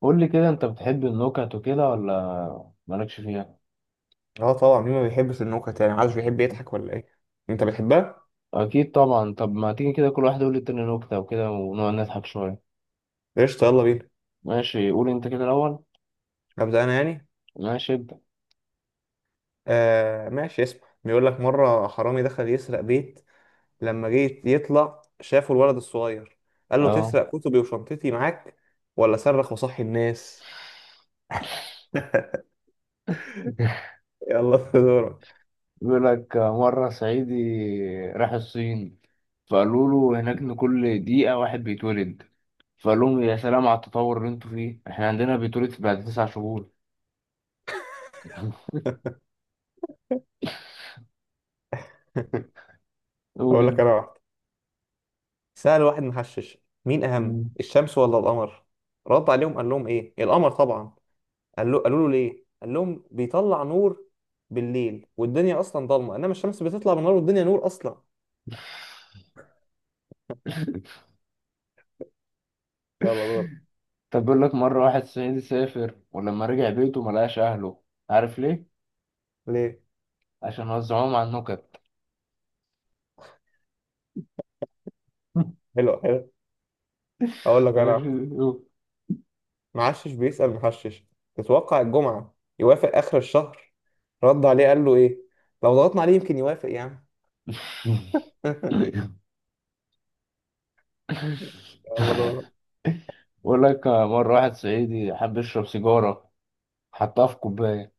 قول لي كده، انت بتحب النكت وكده ولا مالكش فيها؟ اه، طبعا. مين ما بيحبش النكت؟ يعني محدش بيحب يضحك ولا ايه؟ انت بتحبها؟ اكيد طبعا. طب ما تيجي كده كل واحد يقول للتاني نكتة وكده، ونقعد نضحك شوية. قشطه، يلا بينا. ماشي، قول انت كده الاول. ابدا انا يعني. ماشي، ابدأ. آه ماشي، اسمع. بيقول لك مره حرامي دخل يسرق بيت، لما جه يطلع شافه الولد الصغير. قال له: اه. تسرق كتبي وشنطتي معاك ولا صرخ وصحي الناس؟ يلا، في دورك. بيقول لك مرة صعيدي راح الصين، فقالوا له هناك إن كل دقيقة واحد بيتولد. فقال لهم يا سلام على التطور اللي انتوا فيه، احنا عندنا بيتولد بعد تسع شهور. قول اقول لك انت. انا واحد. سأل واحد محشش: مين اهم، مم. الشمس ولا القمر؟ رد عليهم قال لهم: ايه، القمر طبعا. قال له قالوا له: ليه؟ قال لهم: بيطلع نور بالليل والدنيا اصلا ضلمه، انما الشمس بتطلع بالنهار والدنيا نور اصلا. يلا دور. طب بيقول لك مرة واحد صعيدي سافر، ولما رجع بيته ملقاش أهله. عارف ليه؟ ليه؟ عشان وزعوهم على النكت. حلو حلو. اقول لك انا ماشي. واحدة. معشش بيسأل محشش: تتوقع الجمعه يوافق اخر الشهر؟ رد عليه قال له: ايه؟ لو ضغطنا عليه يمكن يوافق يعني. يلا دور. بقول لك مرة واحد صعيدي حب يشرب سيجارة، حطها في كوباية.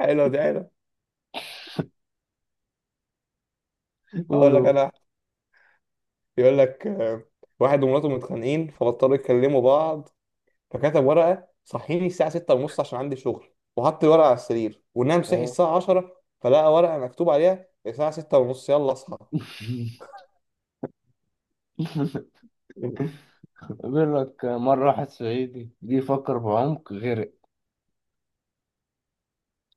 حلو دي، حلو. اقول لك قولوا. انا واحدة. بيقول لك واحد ومراته متخانقين فبطلوا يكلموا بعض، فكتب ورقة: صحيني الساعة 6:30 عشان عندي شغل، وحط الورقة على السرير ونام. صحي اه. الساعة 10 فلقى ورقة مكتوب عليها: الساعة 6:30 يلا اصحى. بيقول لك مرة واحد صعيدي جه يفكر بعمق غرق.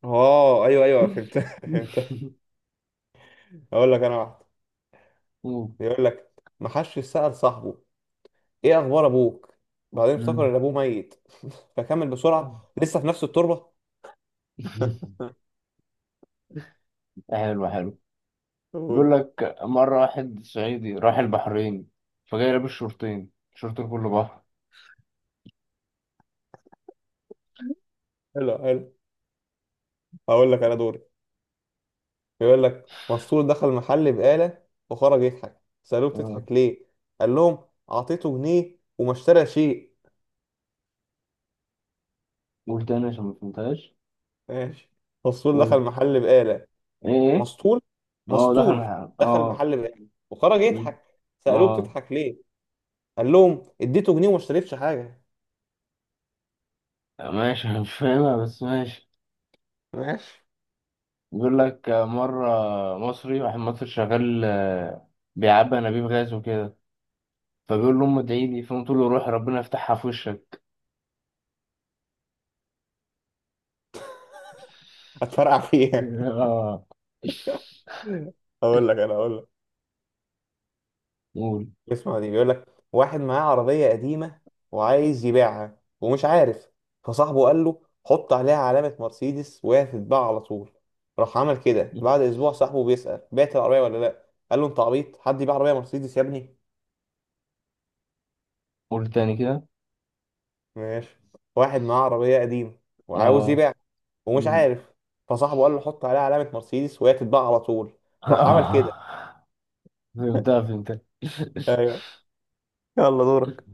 اه ايوه ايوه، فهمت. فهمت. اقول لك انا واحد. قول. بيقول لك ما حدش سأل صاحبه: ايه اخبار ابوك؟ بعدين افتكر ان مم. ابوه ميت، فكمل بسرعة: لسه في نفس التربة. حلو حلو. بيقول قول. لك مرة واحد صعيدي راح البحرين، فجاي لابس شورتين، شورت كله بحر. حلو حلو. هقول لك انا دوري. بيقول لك مسطول دخل محل بقالة وخرج يضحك. سألوه: آه. بتضحك ليه؟ قال لهم: اعطيته جنيه وما اشترى شيء. قول تاني عشان ما فهمتهاش. ماشي، مسطول دخل قول. محل بقالة. ايه ايه. مسطول. اه، دخل مسطول الحمام، دخل اه. محل بقالة وخرج مم. يضحك. سألوه: اه. بتضحك ليه؟ قال لهم: اديته جنيه وما اشتريتش حاجة. ماشي. أنا مش فاهمها بس ماشي. ماشي. بيقول لك مرة واحد مصري شغال، بيعبي أنابيب غاز وكده. فبيقول لأمه ادعي لي، فأمه تقول له روح ربنا يفتحها في وشك. هتفرقع فيها. اه. اقول لك انا، اقول لك، قول. اسمع دي. بيقول لك واحد معاه عربية قديمة وعايز يبيعها ومش عارف. فصاحبه قال له: حط عليها علامة مرسيدس وهي هتتباع على طول. راح عمل كده. بعد اسبوع صاحبه بيسأل: بعت العربية ولا لا؟ قال له: انت عبيط، حد يبيع عربية مرسيدس يا ابني؟ قول تاني كده. ماشي. واحد معاه عربية قديمة وعاوز اه. يبيع ومش مم. عارف. فصاحبه قال له: حط عليها علامة مرسيدس وهي تتباع على طول. راح عمل كده. اه، فهمتها فهمتها. ايوه. يلا دورك.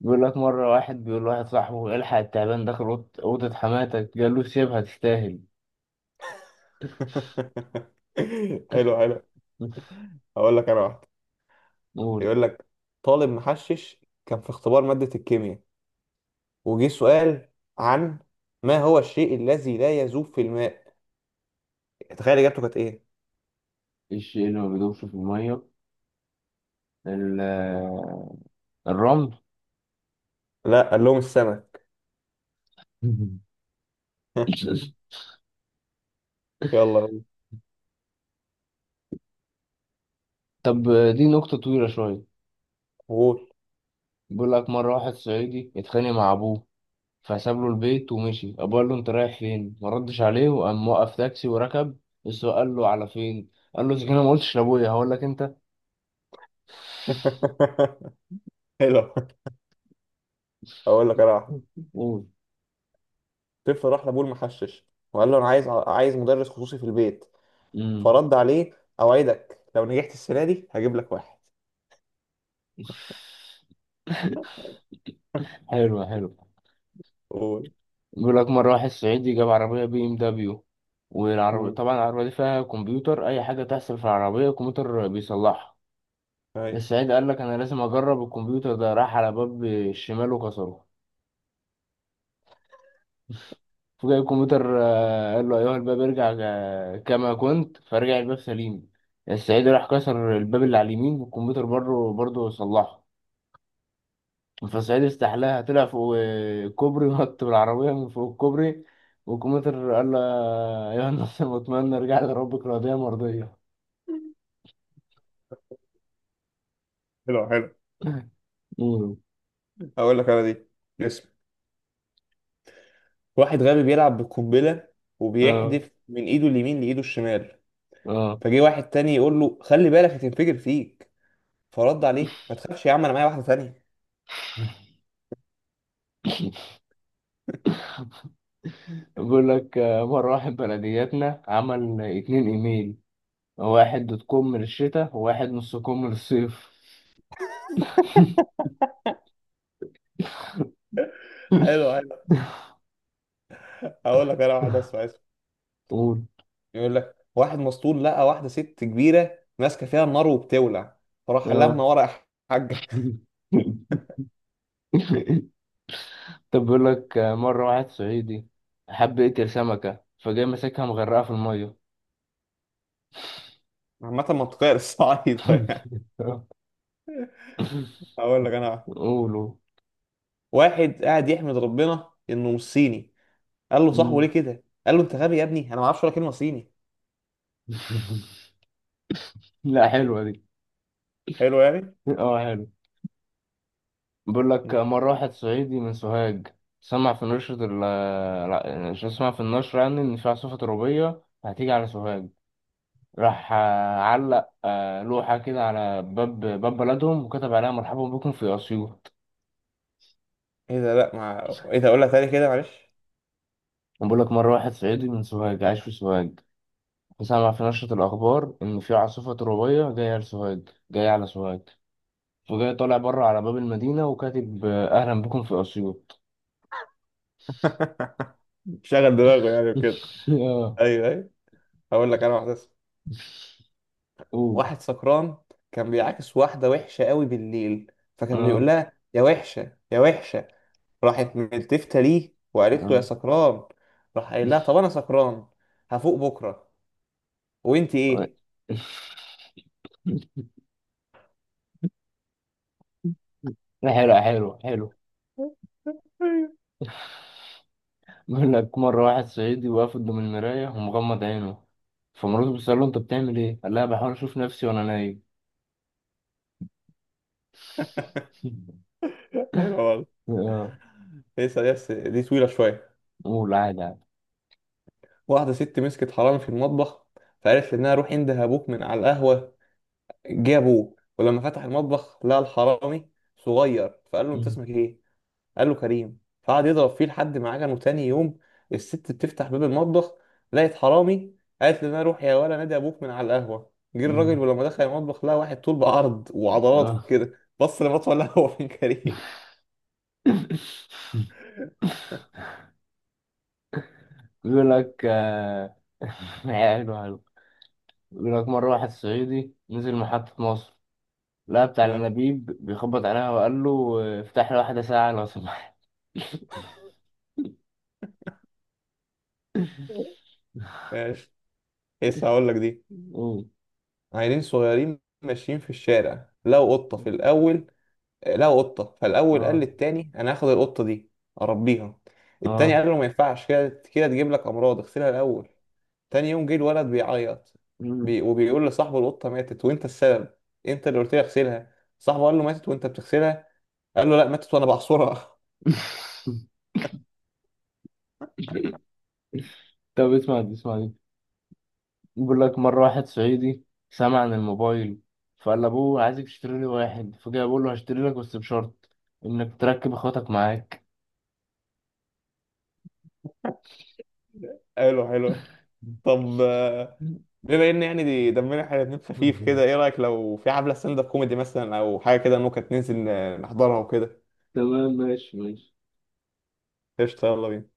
بيقول لك مرة واحد بيقول لواحد صاحبه الحق التعبان داخل أوضة حماتك، قال له سيبها تستاهل. حلو حلو. هقول لك انا واحدة. قول. يقول لك طالب محشش كان في اختبار مادة الكيمياء، وجه سؤال عن: ما هو الشيء الذي لا يذوب في الماء؟ تخيل اجابته كانت ايه. ايه الشيء اللي ما بيدوبش في الميه؟ ال- الرمل. لا، قال لهم: السمك. يلا طب، دي نقطة طويلة شوية. قول. بيقول لك مرة واحد صعيدي اتخانق مع أبوه، فساب له البيت ومشي. أبوه قال له أنت رايح فين؟ ما ردش عليه وقام وقف تاكسي وركب. السواق قال له على فين؟ قال له إذا كان أنا ما قلتش لأبويا هقول لك أنت؟ حلو. هقول لك انا واحدة. قول. طفل راح لابوه المحشش وقال له: انا عايز مدرس خصوصي في البيت. مم. فرد عليه: اوعدك لو نجحت السنه دي هجيب لك واحد. حلو حلو. قول. بيقول لك مرة واحد صعيدي جاب عربية بي ام دبليو، والعربية امم طبعا العربية دي فيها كمبيوتر، أي حاجة تحصل في العربية الكمبيوتر بيصلحها. ايوه الصعيدي قال لك أنا لازم أجرب الكمبيوتر ده. راح على باب الشمال وكسره، فجأة الكمبيوتر قال له أيها الباب ارجع كما كنت، فرجع الباب سليم. الصعيدي راح كسر الباب اللي على اليمين، والكمبيوتر بره برضه صلحه. فصعيدي استحلاها، طلع فوق كوبري ونط بالعربية من فوق الكوبري، والكمبيوتر قال له يا ناصر، واتمنى ارجع لربك راضية مرضية. حلو حلو. مم. هقول لك انا دي، اسم واحد غبي بيلعب بالقنبله اه وبيحدف من ايده اليمين لايده الشمال. اه. فجه واحد تاني يقول له: خلي بالك هتنفجر فيك. فرد عليه: ما تخافش يا عم، انا معايا واحده تانيه. بيقول لك مرة واحد بلدياتنا عمل اتنين ايميل، واحد دوت كوم للشتاء وواحد نص كوم للصيف. حلو حلو. هقول لك انا واحده، اسمع اسمه. قول. يقول لك واحد مسطول لقى واحده ست كبيره ماسكه فيها النار وبتولع، فراح اه. لما ورا حاجه. طب بيقول لك مرة واحد صعيدي حب يقتل سمكة، فجاي ماسكها مغرقة في المية. عامة منطقية للصعايدة يعني. هقول لك أنا واحد. قولوا. واحد قاعد يحمد ربنا إنه مش صيني. قال له صاحبه: ليه مم. كده؟ قال له: أنت غبي يا ابني، أنا ما أعرفش ولا كلمة صيني. لا، حلوة دي. حلو يعني؟ اه حلو. بقول لك مرة مم. واحد صعيدي من سوهاج، سمع في نشرة لا، شو سمع في النشرة يعني إن في عاصفة ترابية هتيجي على سوهاج. راح علق لوحة كده على باب بلدهم، وكتب عليها مرحبا بكم في أسيوط. إيه ده؟ لأ، ما إيه ده، أقولها تاني كده معلش. بقول لك مرة واحد صعيدي من سوهاج عايش في سوهاج، سمع في نشرة الأخبار إن في عاصفة ترابية جاية على سوهاج جاية على سوهاج. وجاي طالع بره على باب المدينة وكاتب أهلا بكم في أسيوط. شغل دماغه يعني وكده. اه. أيوه أيوه. هقول لك أنا واحدة اسمها. قول. واحد سكران كان بيعاكس واحدة وحشة قوي بالليل، فكان بيقول اه لها: يا وحشة يا وحشة. راحت ملتفتة ليه وقالت له: يا اه. سكران. راح قايل لها: طب أنا سكران هفوق بكرة، وأنت إيه؟ لا، حلو حلو حلو. بيقول لك مرة واحد صعيدي واقف قدام المراية ومغمض عينه، فمراته بتسأله أنت بتعمل إيه؟ قال لها بحاول أشوف نفسي وأنا نايم. حلوة والله. اه. لسه لسه، دي طويلة شوية. قول عادي عادي. واحدة ست مسكت حرامي في المطبخ، فقالت لابنها: روح انده ابوك من على القهوة. جه ابوه ولما فتح المطبخ لقى الحرامي صغير، فقال له: انت مم. اسمك ايه؟ قال له: كريم. فقعد يضرب فيه لحد ما عجنه. تاني يوم الست بتفتح باب المطبخ، لقيت حرامي. قالت لابنها: روح يا ولا نادي ابوك من على القهوة. جه الراجل مم. ولما دخل المطبخ لقى واحد طول بعرض وعضلات اه. كده، بص لمطوه القهوة: فين كريم؟ بيقول لك حلو حلو. بيقول لك مرة واحد صعيدي نزل محطة مصر، لقى بتاع الأنابيب بيخبط عليها، وقال له افتح لي واحدة ساعة لو سمحت. ماشي. لسه هقول لك دي. أوه. عيلين صغيرين ماشيين في الشارع، لقوا قطة في الأول. لقوا قطة فالأول قال اه للتاني: أنا هاخد القطة دي أربيها. التاني اه. قال له: ما ينفعش كده، كده تجيب لك أمراض، اغسلها الأول. تاني يوم جه الولد بيعيط، مم. وبيقول لصاحبه: القطة ماتت وأنت السبب، أنت اللي قلت لي أغسلها. صاحبه قال له: ماتت وأنت بتغسلها؟ قال له: لا، ماتت وأنا بعصرها. طب، اسمع دي اسمع دي. بيقول لك مرة واحد صعيدي سمع عن الموبايل، فقال لأبوه عايزك تشتري لي واحد. فجاء بيقول له هشتري لك بس بشرط إنك تركب إخواتك معاك. قال له حلو. طب بما ان يعني دي دمنا احنا الـ2 خفيف كده، ايه رايك لو في حفله ستاند اب كوميدي مثلا او حاجه كده ممكن ننزل نحضرها وكده؟ تمام، ماشي ماشي. قشطه، يلا بينا.